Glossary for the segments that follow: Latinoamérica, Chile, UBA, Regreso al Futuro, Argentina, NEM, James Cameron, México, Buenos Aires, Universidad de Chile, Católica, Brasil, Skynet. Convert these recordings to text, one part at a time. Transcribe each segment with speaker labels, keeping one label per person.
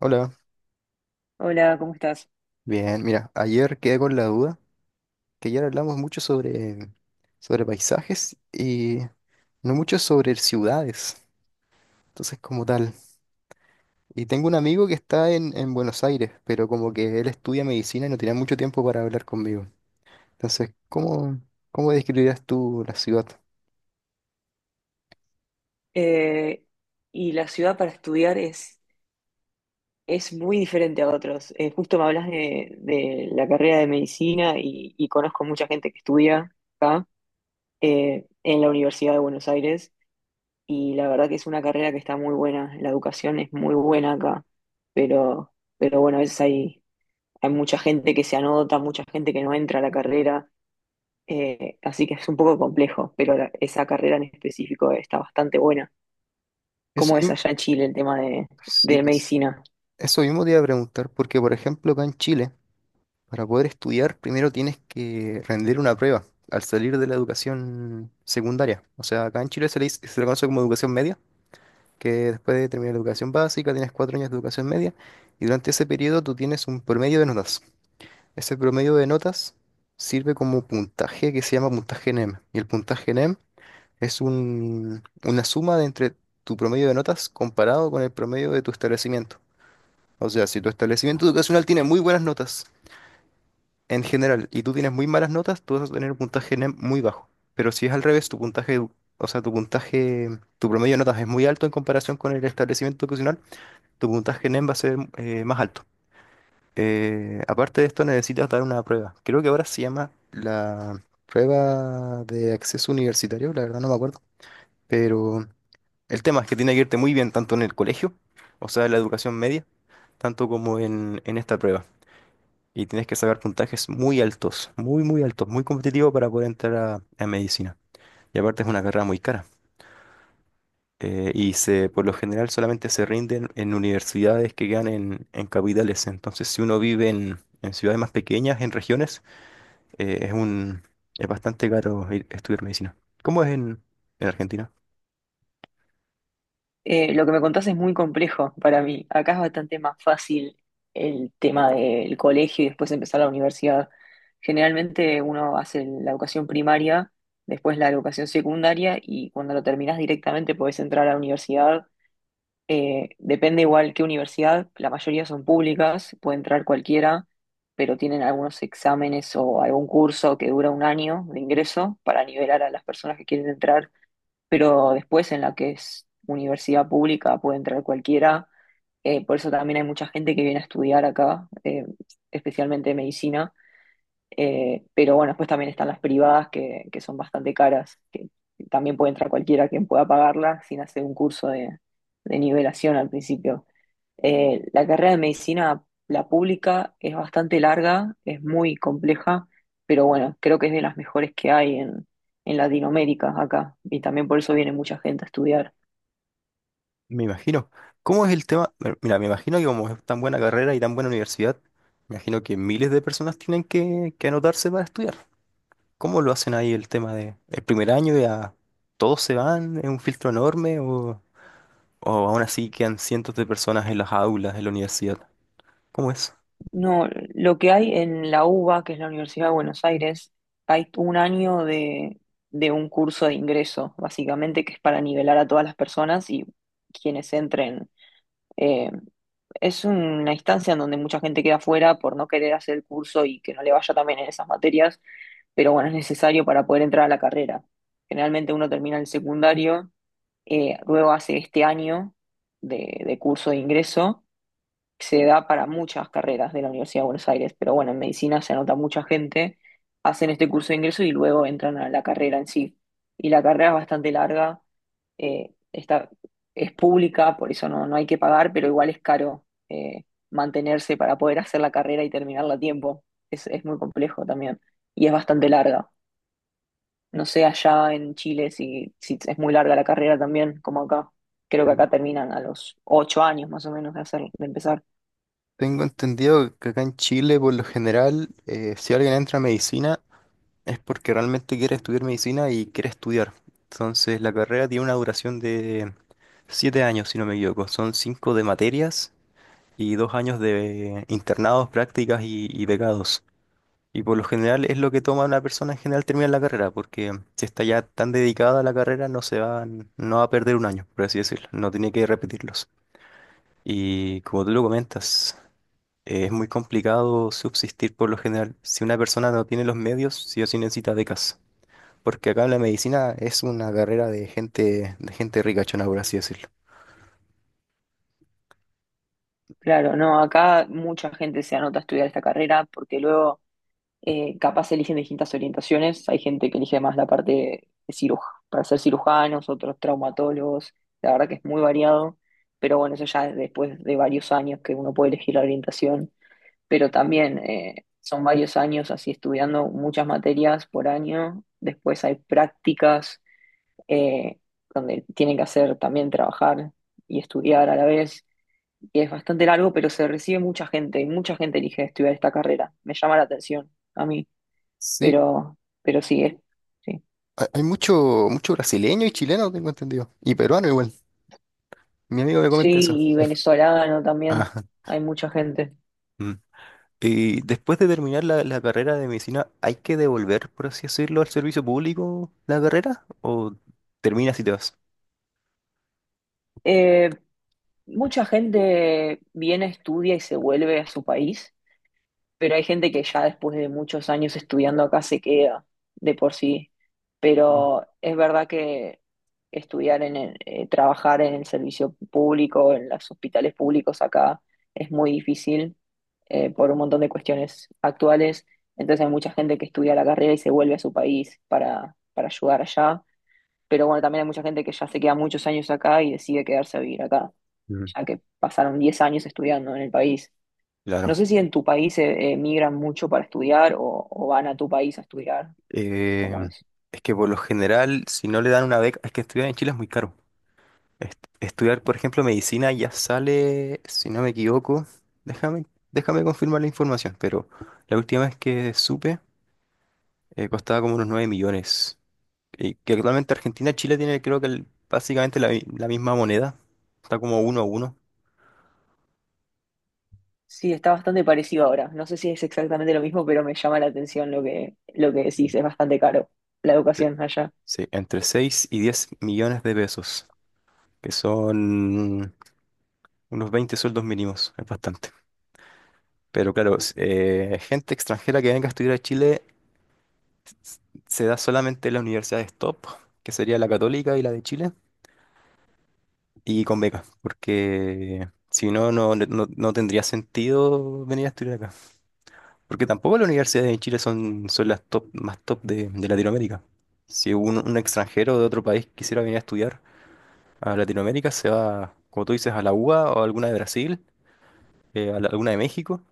Speaker 1: Hola,
Speaker 2: Hola, ¿cómo estás?
Speaker 1: bien, mira, ayer quedé con la duda que ayer hablamos mucho sobre paisajes y no mucho sobre ciudades, entonces como tal. Y tengo un amigo que está en Buenos Aires, pero como que él estudia medicina y no tiene mucho tiempo para hablar conmigo. Entonces, ¿cómo describirías tú la ciudad?
Speaker 2: Eh, y la ciudad para estudiar es muy diferente a otros. Justo me hablas de la carrera de medicina y conozco mucha gente que estudia acá en la Universidad de Buenos Aires, y la verdad que es una carrera que está muy buena. La educación es muy buena acá, pero bueno, a veces hay mucha gente que se anota, mucha gente que no entra a la carrera. Así que es un poco complejo, pero esa carrera en específico está bastante buena.
Speaker 1: Eso
Speaker 2: ¿Cómo es
Speaker 1: mismo,
Speaker 2: allá en Chile el tema
Speaker 1: sí,
Speaker 2: de medicina?
Speaker 1: eso mismo te iba a preguntar, porque por ejemplo acá en Chile, para poder estudiar, primero tienes que rendir una prueba al salir de la educación secundaria. O sea, acá en Chile se le conoce como educación media, que después de terminar la educación básica tienes 4 años de educación media y durante ese periodo tú tienes un promedio de notas. Ese promedio de notas sirve como puntaje que se llama puntaje NEM. Y el puntaje NEM es una suma de entre tu promedio de notas comparado con el promedio de tu establecimiento. O sea, si tu establecimiento educacional tiene muy buenas notas, en general, y tú tienes muy malas notas, tú vas a tener un puntaje muy bajo. Pero si es al revés, tu puntaje, o sea, tu puntaje, tu promedio de notas es muy alto en comparación con el establecimiento educacional, tu puntaje NEM va a ser más alto. Aparte de esto, necesitas dar una prueba. Creo que ahora se llama la prueba de acceso universitario, la verdad no me acuerdo. Pero el tema es que tiene que irte muy bien tanto en el colegio, o sea, en la educación media, tanto como en esta prueba. Y tienes que sacar puntajes muy altos, muy competitivo para poder entrar a medicina. Y aparte es una carrera muy cara. Y por lo general solamente se rinden en universidades que quedan en capitales. Entonces, si uno vive en ciudades más pequeñas, en regiones, eh, es un, es bastante caro estudiar medicina. ¿Cómo es en Argentina?
Speaker 2: Lo que me contás es muy complejo para mí. Acá es bastante más fácil el tema del colegio y después empezar la universidad. Generalmente uno hace la educación primaria, después la educación secundaria, y cuando lo terminás directamente podés entrar a la universidad. Depende igual qué universidad, la mayoría son públicas, puede entrar cualquiera, pero tienen algunos exámenes o algún curso que dura un año de ingreso para nivelar a las personas que quieren entrar. Pero después en la que es universidad pública puede entrar cualquiera. Por eso también hay mucha gente que viene a estudiar acá, especialmente medicina. Pero bueno, después también están las privadas que son bastante caras, que también puede entrar cualquiera quien pueda pagarlas sin hacer un curso de nivelación al principio. La carrera de medicina, la pública, es bastante larga, es muy compleja, pero bueno, creo que es de las mejores que hay en Latinoamérica acá, y también por eso viene mucha gente a estudiar.
Speaker 1: Me imagino. ¿Cómo es el tema? Bueno, mira, me imagino que como es tan buena carrera y tan buena universidad, me imagino que miles de personas tienen que anotarse para estudiar. ¿Cómo lo hacen ahí el tema de el primer año ya todos se van, es un filtro enorme o aún así quedan cientos de personas en las aulas de la universidad? ¿Cómo es?
Speaker 2: No, lo que hay en la UBA, que es la Universidad de Buenos Aires, hay un año de un curso de ingreso, básicamente, que es para nivelar a todas las personas y quienes entren. Eh, es una instancia en donde mucha gente queda fuera por no querer hacer el curso y que no le vaya también en esas materias, pero bueno, es necesario para poder entrar a la carrera. Generalmente uno termina el secundario. Luego hace este año de curso de ingreso. Se da para muchas carreras de la Universidad de Buenos Aires, pero bueno, en medicina se anota mucha gente, hacen este curso de ingreso y luego entran a la carrera en sí. Y la carrera es bastante larga. eh, está, es pública, por eso no, no hay que pagar, pero igual es caro mantenerse para poder hacer la carrera y terminarla a tiempo. Es muy complejo también, y es bastante larga. No sé allá en Chile si es muy larga la carrera también, como acá. Creo que
Speaker 1: Ten-
Speaker 2: acá terminan a los ocho años más o menos de hacer, de empezar.
Speaker 1: Tengo entendido que acá en Chile, por lo general, si alguien entra a medicina es porque realmente quiere estudiar medicina y quiere estudiar. Entonces, la carrera tiene una duración de 7 años, si no me equivoco. Son cinco de materias y 2 años de internados, prácticas y becados. Y por lo general es lo que toma una persona en general terminar la carrera, porque si está ya tan dedicada a la carrera no se va, no va a perder un año, por así decirlo, no tiene que repetirlos. Y como tú lo comentas, es muy complicado subsistir por lo general. Si una persona no tiene los medios, sí o sí necesita becas, porque acá en la medicina es una carrera de gente ricachona, por así decirlo.
Speaker 2: Claro, no, acá mucha gente se anota a estudiar esta carrera porque luego capaz eligen distintas orientaciones. Hay gente que elige más la parte de para ser cirujanos, otros traumatólogos. La verdad que es muy variado, pero bueno, eso ya es después de varios años que uno puede elegir la orientación. Pero también son varios años así estudiando muchas materias por año. Después hay prácticas eh, donde tienen que hacer también trabajar y estudiar a la vez, y es bastante largo, pero se recibe mucha gente, y mucha gente elige estudiar esta carrera. Me llama la atención a mí,
Speaker 1: Sí,
Speaker 2: pero sí, sí.
Speaker 1: hay mucho, mucho brasileño y chileno, tengo entendido, y peruano igual. Mi amigo me comenta
Speaker 2: Sí,
Speaker 1: eso.
Speaker 2: y venezolano también,
Speaker 1: Ajá.
Speaker 2: hay mucha gente.
Speaker 1: Y después de terminar la carrera de medicina, ¿hay que devolver, por así decirlo, al servicio público la carrera? ¿O terminas y te vas?
Speaker 2: Eh, Mucha gente viene, estudia y se vuelve a su país, pero hay gente que ya después de muchos años estudiando acá se queda de por sí. Pero es verdad que estudiar en trabajar en el servicio público, en los hospitales públicos acá, es muy difícil por un montón de cuestiones actuales. Entonces hay mucha gente que estudia la carrera y se vuelve a su país para ayudar allá. Pero bueno, también hay mucha gente que ya se queda muchos años acá y decide quedarse a vivir acá,
Speaker 1: Mm,
Speaker 2: ya que pasaron 10 años estudiando en el país. No
Speaker 1: claro.
Speaker 2: sé si en tu país migran mucho para estudiar o van a tu país a estudiar,
Speaker 1: Eh,
Speaker 2: ¿cómo es?
Speaker 1: es que por lo general, si no le dan una beca, es que estudiar en Chile es muy caro. Estudiar, por ejemplo, medicina ya sale, si no me equivoco, déjame, déjame confirmar la información, pero la última vez que supe, costaba como unos 9 millones. Que actualmente Argentina y Chile tiene creo que básicamente la misma moneda. Está como 1 a 1.
Speaker 2: Sí, está bastante parecido ahora. No sé si es exactamente lo mismo, pero me llama la atención lo lo que decís. Es bastante caro la
Speaker 1: Sí,
Speaker 2: educación allá.
Speaker 1: sí, entre 6 y 10 millones de pesos, que son unos 20 sueldos mínimos, es bastante. Pero claro, gente extranjera que venga a estudiar a Chile se da solamente en las universidades top, que sería la Católica y la de Chile, y con becas, porque si no, no tendría sentido venir a estudiar acá. Porque tampoco las universidades en Chile son las top, más top de Latinoamérica. Si un extranjero de otro país quisiera venir a estudiar a Latinoamérica, se va, como tú dices, a la UBA o a alguna de Brasil, alguna de México.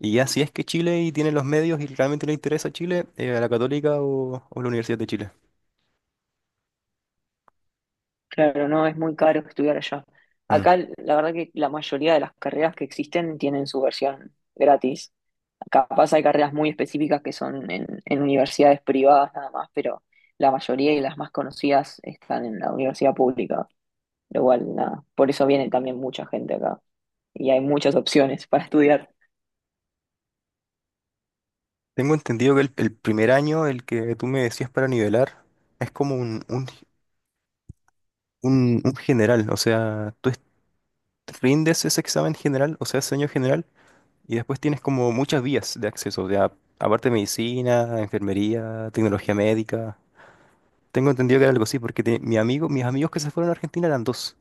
Speaker 1: Y ya si es que Chile y tiene los medios y realmente le interesa Chile, a la Católica o la Universidad de Chile.
Speaker 2: Claro, no, es muy caro estudiar allá.
Speaker 1: Mm.
Speaker 2: Acá, la verdad que la mayoría de las carreras que existen tienen su versión gratis. Capaz hay carreras muy específicas que son en universidades privadas nada más, pero la mayoría y las más conocidas están en la universidad pública. Pero igual, nada, por eso viene también mucha gente acá, y hay muchas opciones para estudiar.
Speaker 1: Tengo entendido que el primer año, el que tú me decías para nivelar, es como un general. O sea, tú rindes ese examen general, o sea, ese año general. Y después tienes como muchas vías de acceso, o sea, aparte de medicina, enfermería, tecnología médica. Tengo entendido que era algo así, porque mi amigo, mis amigos que se fueron a Argentina eran dos.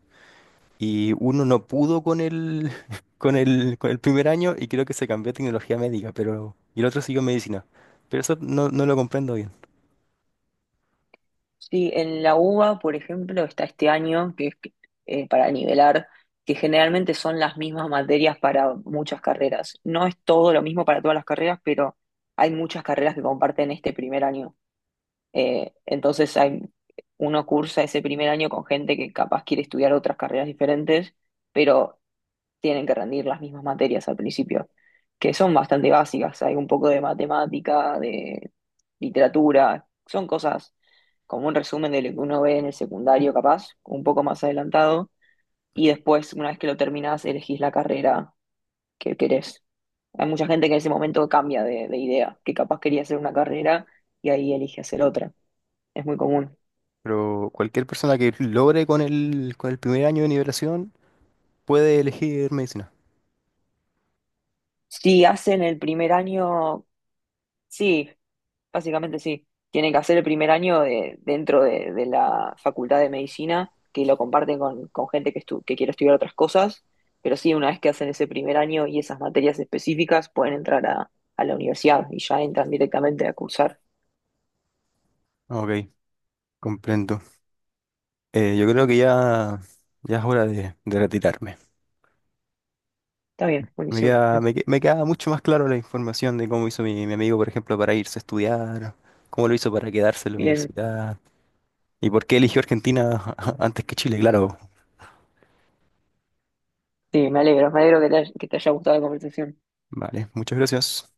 Speaker 1: Y uno no pudo con el primer año y creo que se cambió a tecnología médica, y el otro siguió medicina. Pero eso no lo comprendo bien.
Speaker 2: Sí, en la UBA, por ejemplo, está este año, que es para nivelar, que generalmente son las mismas materias para muchas carreras. No es todo lo mismo para todas las carreras, pero hay muchas carreras que comparten este primer año. Entonces uno cursa ese primer año con gente que capaz quiere estudiar otras carreras diferentes, pero tienen que rendir las mismas materias al principio, que son bastante básicas. Hay un poco de matemática, de literatura, son cosas como un resumen de lo que uno ve en el secundario, capaz, un poco más adelantado. Y después, una vez que lo terminás, elegís la carrera que querés. Hay mucha gente que en ese momento cambia de idea, que capaz quería hacer una carrera y ahí elige hacer otra. Es muy común.
Speaker 1: Pero cualquier persona que logre con el primer año de nivelación puede elegir medicina.
Speaker 2: Si hacen el primer año, sí, básicamente sí, tienen que hacer el primer año dentro de la Facultad de Medicina, que lo comparten con gente que quiere estudiar otras cosas, pero sí, una vez que hacen ese primer año y esas materias específicas, pueden entrar a la universidad y ya entran directamente a cursar.
Speaker 1: Ok, comprendo. Yo creo que ya es hora de retirarme.
Speaker 2: Está bien,
Speaker 1: Me
Speaker 2: buenísimo.
Speaker 1: queda, me, que- me queda mucho más claro la información de cómo hizo mi amigo, por ejemplo, para irse a estudiar, cómo lo hizo para quedarse en la
Speaker 2: Bien,
Speaker 1: universidad y por qué eligió Argentina antes que Chile, claro.
Speaker 2: sí, me alegro que que te haya gustado la conversación.
Speaker 1: Vale, muchas gracias.